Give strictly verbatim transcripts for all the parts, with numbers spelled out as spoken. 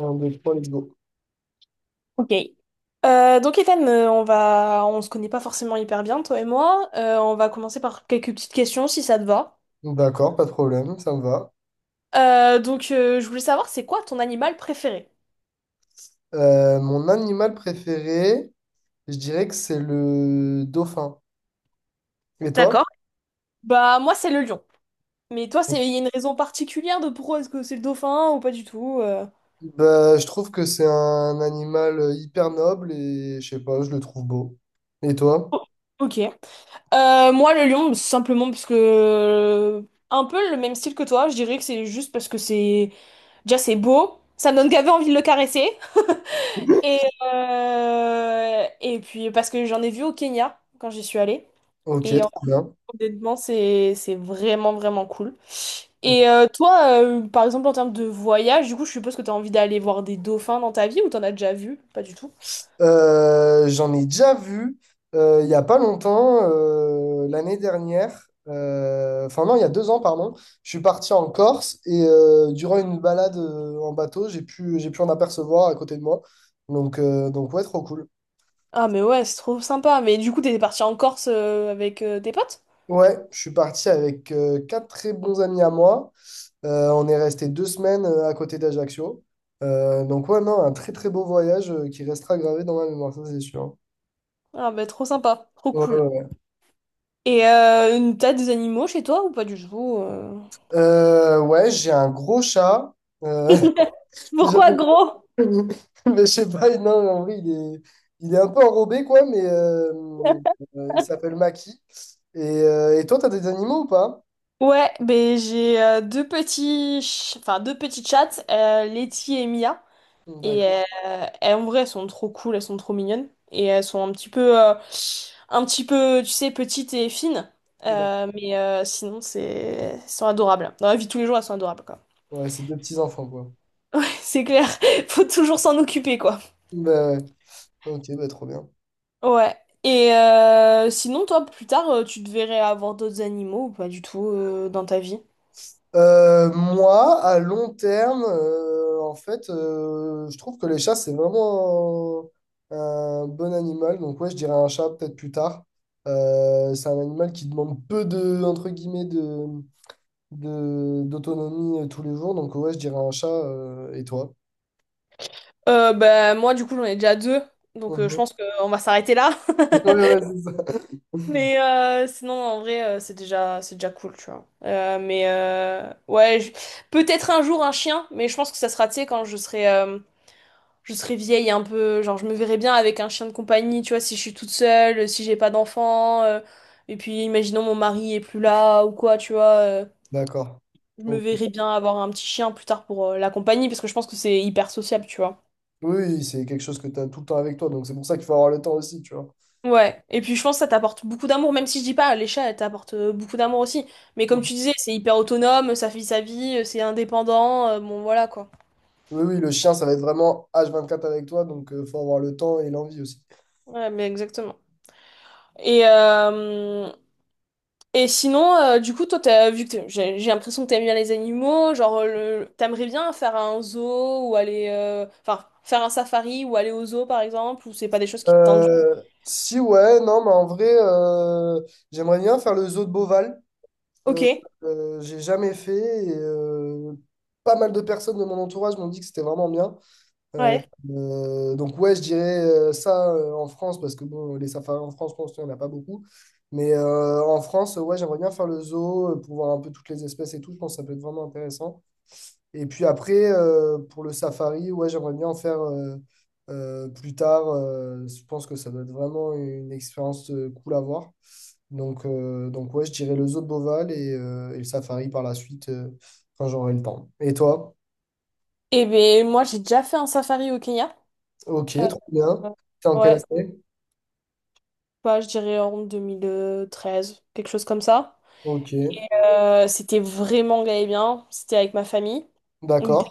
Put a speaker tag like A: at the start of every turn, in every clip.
A: Un deux trois let's go.
B: Ok. Euh, donc Ethan, euh, on va, on se connaît pas forcément hyper bien, toi et moi. Euh, on va commencer par quelques petites questions si ça te va.
A: D'accord, pas de problème, ça me va.
B: Euh, donc euh, je voulais savoir c'est quoi ton animal préféré?
A: Euh, mon animal préféré, je dirais que c'est le dauphin. Et toi?
B: D'accord. Bah moi c'est le lion. Mais toi c'est, il y a une raison particulière de pourquoi est-ce que c'est le dauphin ou pas du tout? euh
A: Bah, je trouve que c'est un animal hyper noble et je sais pas, je le trouve beau. Et toi?
B: Oh, ok. Euh, moi le lion simplement parce que euh, un peu le même style que toi. Je dirais que c'est juste parce que c'est déjà c'est beau. Ça me donne gavé envie de le caresser. Et, euh, et puis, parce que j'en ai vu au Kenya quand j'y suis allée.
A: Ok,
B: Et euh,
A: trop bien.
B: honnêtement, c'est c'est vraiment, vraiment cool.
A: Ok.
B: Et euh, toi, euh, par exemple, en termes de voyage, du coup, je suppose que t'as envie d'aller voir des dauphins dans ta vie ou t'en as déjà vu? Pas du tout.
A: Euh, j'en ai déjà vu euh, il y a pas longtemps, euh, l'année dernière, euh, enfin non, il y a deux ans, pardon, je suis parti en Corse et euh, durant une balade euh, en bateau, j'ai pu, j'ai pu en apercevoir à côté de moi. Donc, euh, donc ouais, trop cool.
B: Ah, mais ouais, c'est trop sympa. Mais du coup, t'es parti en Corse euh, avec euh, tes potes?
A: Ouais, je suis parti avec euh, quatre très bons amis à moi. Euh, on est resté deux semaines euh, à côté d'Ajaccio. Euh, donc ouais, non, un très très beau voyage euh, qui restera gravé dans ma mémoire, ça c'est sûr.
B: Ah, bah, trop sympa, trop
A: Ouais, ouais,
B: cool.
A: ouais.
B: Et euh, t'as des animaux chez toi ou pas du tout? euh
A: Euh, ouais, j'ai un gros chat. Euh,
B: Pourquoi
A: J'avais
B: gros?
A: Mais je sais pas, non, en vrai, il est, il est un peu enrobé, quoi, mais euh, euh, il s'appelle Maki. Et, euh, et toi, t'as des animaux ou pas?
B: Ouais, ben j'ai euh, deux petits, ch- enfin deux petits chats, euh, Letty et Mia, et
A: D'accord.
B: euh, elles, en vrai elles sont trop cool, elles sont trop mignonnes, et elles sont un petit peu, euh, un petit peu, tu sais, petites et fines.
A: D'accord.
B: Euh, mais euh, sinon c'est, elles sont adorables. Dans la vie de tous les jours elles sont adorables quoi.
A: Ouais, c'est deux petits-enfants, quoi.
B: C'est clair, faut toujours s'en occuper quoi.
A: Bah, ouais. Ok, bah, trop bien.
B: Ouais. Et euh, sinon toi plus tard euh, tu te verrais avoir d'autres animaux ou pas du tout euh, dans ta vie?
A: Euh, moi, à long terme, euh, en fait, euh, je trouve que les chats, c'est vraiment un, un bon animal. Donc, ouais, je dirais un chat peut-être plus tard. Euh, c'est un animal qui demande peu de, entre guillemets, de de d'autonomie euh, tous les jours. Donc ouais, je dirais un chat. Euh, et toi?
B: Euh, bah, moi, du coup, j'en ai déjà deux, donc euh, je
A: Mhm.
B: pense qu'on va s'arrêter là.
A: Ouais, ouais, c'est ça.
B: Mais euh, sinon, en vrai, euh, c'est déjà, c'est déjà cool, tu vois. Euh, mais euh, ouais, je- peut-être un jour un chien, mais je pense que ça sera, tu sais, quand je serai, euh, je serai vieille un peu. Genre, je me verrai bien avec un chien de compagnie, tu vois, si je suis toute seule, si j'ai pas d'enfant. Euh, et puis, imaginons mon mari est plus là ou quoi, tu vois. Euh,
A: D'accord.
B: je me
A: Ok.
B: verrai bien avoir un petit chien plus tard pour euh, la compagnie, parce que je pense que c'est hyper sociable, tu vois.
A: Oui, oui, c'est quelque chose que tu as tout le temps avec toi. Donc c'est pour ça qu'il faut avoir le temps aussi, tu vois.
B: Ouais, et puis je pense que ça t'apporte beaucoup d'amour, même si je dis pas, les chats, elles t'apportent euh, beaucoup d'amour aussi. Mais comme
A: Mhm.
B: tu disais, c'est hyper autonome, ça fait sa vie, euh, c'est indépendant, euh, bon voilà quoi.
A: Oui, oui, le chien, ça va être vraiment H vingt-quatre avec toi. Donc il faut avoir le temps et l'envie aussi.
B: Ouais, mais exactement. Et, euh, et sinon, euh, du coup, toi, t'as, vu que t'es- j'ai j'ai l'impression que t'aimes bien les animaux, genre, euh, le, t'aimerais bien faire un zoo ou aller, euh, enfin, faire un safari ou aller au zoo par exemple, ou c'est pas des choses qui te tentent. du-
A: Euh, si ouais, non, mais en vrai, euh, j'aimerais bien faire le zoo de Beauval.
B: Ok,
A: Euh, euh, j'ai jamais fait. et, euh, pas mal de personnes de mon entourage m'ont dit que c'était vraiment bien. Euh,
B: ouais.
A: euh, donc ouais, je dirais euh, ça euh, en France, parce que bon, les safaris en France, je pense qu'il n'y en a pas beaucoup. Mais euh, en France, ouais, j'aimerais bien faire le zoo euh, pour voir un peu toutes les espèces et tout. Je pense que ça peut être vraiment intéressant. Et puis après, euh, pour le safari, ouais, j'aimerais bien en faire euh, euh, plus tard. Euh, je pense que ça doit être vraiment une expérience euh, cool à voir. Donc, euh, donc ouais, je dirais le zoo de Beauval et, euh, et le safari par la suite, euh, quand j'aurai le temps. Et toi?
B: Et ben moi, j'ai déjà fait un safari au Kenya.
A: Ok, trop
B: Euh,
A: bien. T'es en
B: ouais,
A: quelle année?
B: bah, je dirais en deux mille treize, quelque chose comme ça.
A: Ok.
B: Euh, c'était vraiment gay et bien, c'était avec ma famille. On-
A: D'accord.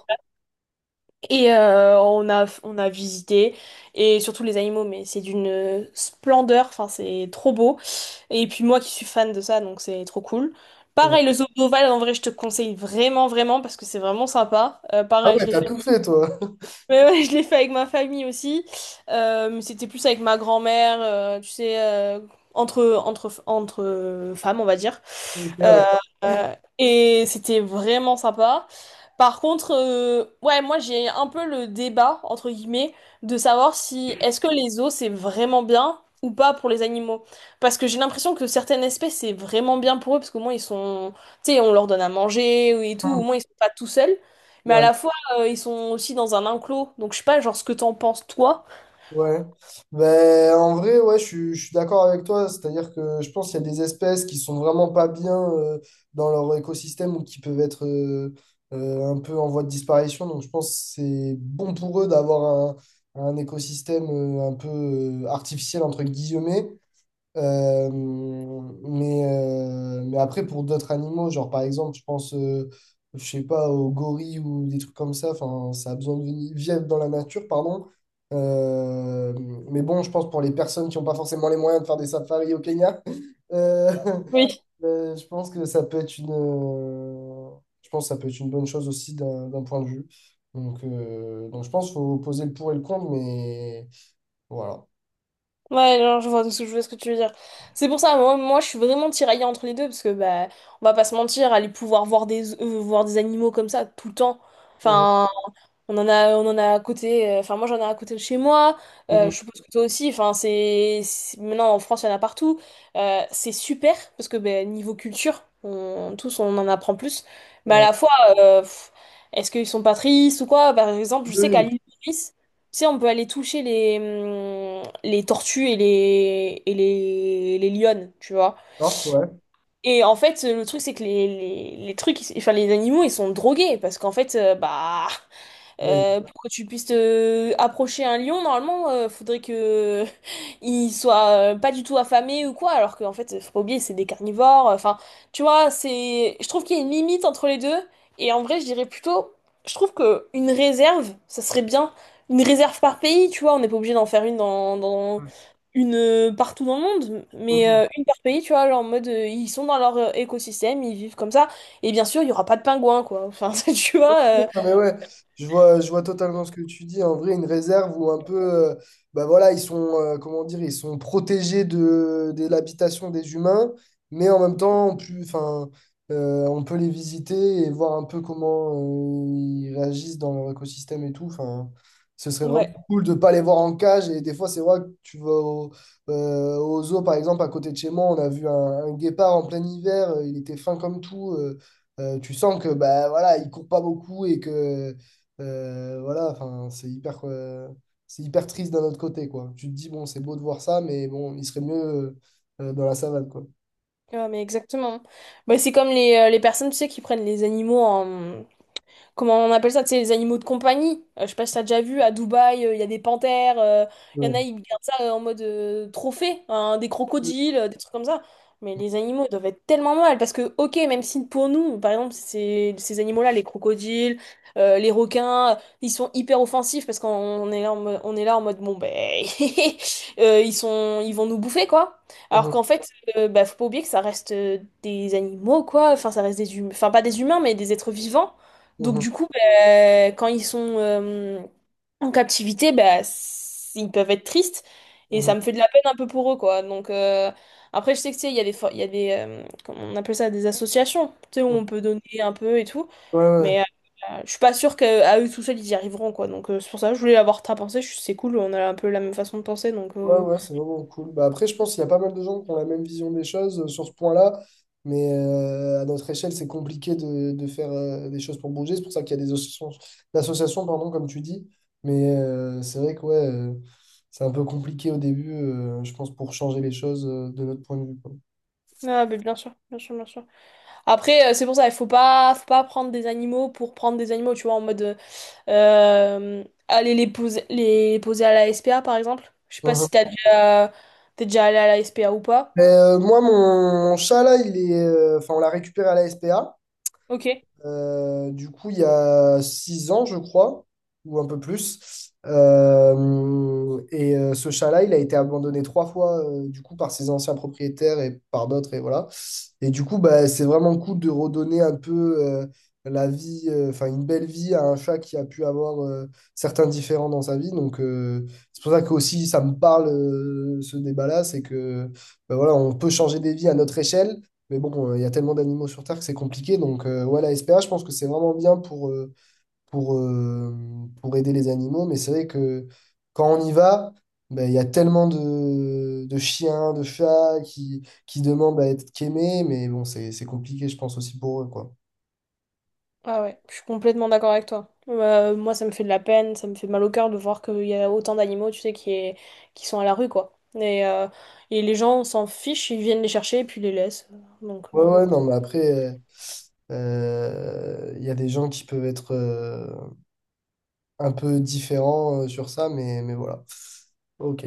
B: Et euh, on a, on a visité, et surtout les animaux, mais c'est d'une splendeur, enfin c'est trop beau. Et puis moi qui suis fan de ça, donc c'est trop cool.
A: Ouais.
B: Pareil, le zoo d'Oval, en vrai, je te conseille vraiment, vraiment, parce que c'est vraiment sympa. Euh,
A: Ah
B: pareil, je
A: ouais,
B: l'ai
A: t'as
B: fait.
A: tout fait, toi.
B: Ouais, ouais, je l'ai fait avec ma famille aussi. Euh, mais c'était plus avec ma grand-mère, euh, tu sais, euh, entre, entre, entre euh, femmes, on va dire.
A: Ok,
B: Euh,
A: d'accord.
B: euh, et c'était vraiment sympa. Par contre, euh, ouais, moi j'ai un peu le débat, entre guillemets, de savoir si est-ce que les os c'est vraiment bien ou pas pour les animaux. Parce que j'ai l'impression que certaines espèces c'est vraiment bien pour eux, parce qu'au moins ils sont, tu sais, on leur donne à manger et tout, au
A: Hmm.
B: moins ils sont pas tout seuls. Mais à
A: Ouais,
B: la fois, euh, ils sont aussi dans un enclos, donc je sais pas, genre, ce que t'en penses, toi.
A: ouais. Ben, en vrai, ouais, je suis, je suis d'accord avec toi. C'est-à-dire que je pense qu'il y a des espèces qui sont vraiment pas bien euh, dans leur écosystème ou qui peuvent être euh, euh, un peu en voie de disparition. Donc, je pense que c'est bon pour eux d'avoir un, un écosystème euh, un peu euh, artificiel, entre guillemets. Euh, mais, euh, mais après, pour d'autres animaux, genre par exemple, je pense, euh, je sais pas, aux gorilles ou des trucs comme ça, enfin, ça a besoin de vi- vivre dans la nature, pardon. Euh, mais bon, je pense pour les personnes qui n'ont pas forcément les moyens de faire des safaris au Kenya, euh,
B: Oui.
A: euh, je pense que ça peut être une, euh, je pense que ça peut être une bonne chose aussi d'un d'un point de vue. Donc, euh, donc je pense qu'il faut poser le pour et le contre, mais voilà.
B: Ouais, genre, je vois, ce- je vois ce que tu veux dire. C'est pour ça, moi, moi, je suis vraiment tiraillée entre les deux, parce que, bah, on va pas se mentir, aller pouvoir voir des, euh, voir des animaux comme ça tout le temps,
A: Mhm,
B: enfin, On en a, on en a à côté, euh, enfin moi j'en ai à côté de chez moi, euh,
A: mhm,
B: je suppose que toi aussi, enfin c'est, c'est- maintenant en France il y en a partout. Euh, c'est super parce que ben, niveau culture, on, tous on en apprend plus, mais à
A: ouais.
B: la fois, euh, pff, est-ce qu'ils sont pas tristes ou quoi? Par exemple, je sais
A: Oui,
B: qu'à l'île Maurice, tu sais on peut aller toucher les, hum, les tortues et les, et les, les lionnes, tu vois.
A: d'accord, ouais.
B: Et en fait, le truc c'est que les, les, les trucs, ils- enfin les animaux ils sont drogués parce qu'en fait, euh, bah...
A: Oui.
B: Euh, pour que tu puisses te approcher un lion, normalement, euh, faudrait que il soit euh, pas du tout affamé ou quoi, alors qu'en fait, faut pas oublier, c'est des carnivores. euh, Enfin, tu vois, c'est, je trouve qu'il y a une limite entre les deux. Et en vrai, je dirais plutôt, je trouve que une réserve, ça serait bien. Une réserve par pays, tu vois, on n'est pas obligé d'en faire une dans, dans une euh, partout dans le monde, mais
A: Mhm.
B: euh, une par pays, tu vois, genre en mode euh, ils sont dans leur euh, écosystème, ils vivent comme ça, et bien sûr, il y aura pas de pingouins, quoi. Enfin, tu vois, euh,
A: Non, mais ouais, je vois, je vois totalement ce que tu dis. En vrai, une réserve où un peu, euh, bah voilà, ils sont, euh, comment dire, ils sont protégés de, de l'habitation des humains, mais en même temps, plus, enfin, euh, on peut les visiter et voir un peu comment euh, ils réagissent dans leur écosystème et tout. Enfin, ce serait vraiment
B: ouais.
A: cool de pas les voir en cage. Et des fois, c'est vrai que tu vas au, euh, au zoo, par exemple, à côté de chez moi, on a vu un, un guépard en plein hiver. euh, Il était fin comme tout. Euh, Euh, tu sens que bah voilà, il court pas beaucoup et que euh, voilà, enfin, c'est hyper euh, c'est hyper triste d'un autre côté quoi. Tu te dis bon, c'est beau de voir ça, mais bon, il serait mieux euh, dans la savane quoi.
B: Ouais mais exactement. Bah, c'est comme les, euh, les personnes, tu sais, qui prennent les animaux en, comment on appelle ça, tu sais, les animaux de compagnie. Euh, je sais pas si t'as déjà vu, à Dubaï, euh, il y a des panthères, euh, il y en
A: Ouais.
B: a, ils gardent ça euh, en mode euh, trophée, hein, des
A: Mhm,
B: crocodiles, euh, des trucs comme ça. Mais les animaux, ils doivent être tellement mal, parce que, ok, même si pour nous, par exemple, ces, ces animaux-là, les crocodiles, euh, les requins, ils sont hyper offensifs, parce qu'on est là en mode, on est là en mode, bon, ben, euh, ils sont, ils vont nous bouffer, quoi. Alors qu'en fait, euh, bah, faut pas oublier que ça reste euh, des animaux, quoi. Enfin, ça reste des humains. Enfin, pas des humains, mais des êtres vivants. Donc
A: mhm,
B: du coup, bah, quand ils sont euh, en captivité, bah, c- ils peuvent être tristes et
A: mhm,
B: ça me fait de la peine un peu pour eux, quoi. Donc euh, après, je sais que tu sais, il y a des, for- il y a des euh, comment on appelle ça, des associations, tu sais, où
A: mhm.
B: on peut donner un peu et tout.
A: Ouais, ouais.
B: Mais euh, je suis pas sûre qu'à eux tout seuls, ils y arriveront, quoi. Donc euh, c'est pour ça que je voulais avoir ta pensée. Je- C'est cool, on a un peu la même façon de penser, donc.
A: Ouais,
B: euh,
A: ouais, c'est vraiment cool. Bah, après, je pense qu'il y a pas mal de gens qui ont la même vision des choses euh, sur ce point-là, mais euh, à notre échelle, c'est compliqué de, de faire euh, des choses pour bouger. C'est pour ça qu'il y a des associations, d'associations, pardon, comme tu dis. Mais euh, c'est vrai que ouais, euh, c'est un peu compliqué au début, euh, je pense, pour changer les choses euh, de notre point de vue, quoi.
B: Ah, mais bien sûr, bien sûr, bien sûr. Après, euh, c'est pour ça, il faut pas, faut pas prendre des animaux pour prendre des animaux, tu vois, en mode. Euh, Euh, aller les poser, les poser à la S P A, par exemple. Je sais pas
A: Mhm.
B: si t'as déjà, t'es déjà allé à la S P A ou pas.
A: Euh, moi, mon, mon chat, là, il est, euh, enfin, on l'a récupéré à la S P A.
B: Ok.
A: Euh, du coup, il y a six ans, je crois, ou un peu plus. Euh, et euh, ce chat-là, il a été abandonné trois fois, euh, du coup, par ses anciens propriétaires et par d'autres, et voilà. Et du coup, bah, c'est vraiment cool de redonner un peu euh, la vie, euh, enfin, une belle vie à un chat qui a pu avoir euh, certains différents dans sa vie. Donc, euh, c'est pour ça que aussi, ça me parle, euh, ce débat-là, c'est que, bah, voilà, on peut changer des vies à notre échelle mais bon, euh, il y a tellement d'animaux sur Terre que c'est compliqué. Donc, euh, ouais, la S P A, je pense que c'est vraiment bien pour, euh, pour, euh, pour aider les animaux. Mais c'est vrai que quand on y va, ben, il y a tellement de, de chiens, de chats qui, qui demandent à être qu'aimés. Mais bon, c'est, c'est compliqué, je pense, aussi pour eux, quoi.
B: Ah ouais, je suis complètement d'accord avec toi. Euh, moi, ça me fait de la peine, ça me fait mal au cœur de voir qu'il y a autant d'animaux, tu sais, qui, est- qui sont à la rue, quoi. Et, euh, et les gens s'en fichent, ils viennent les chercher et puis ils les laissent. Donc,
A: Ouais,
B: euh,
A: ouais, non, mais après, euh, euh, il y a des gens qui peuvent être euh, un peu différents euh, sur ça. Mais, mais voilà. OK.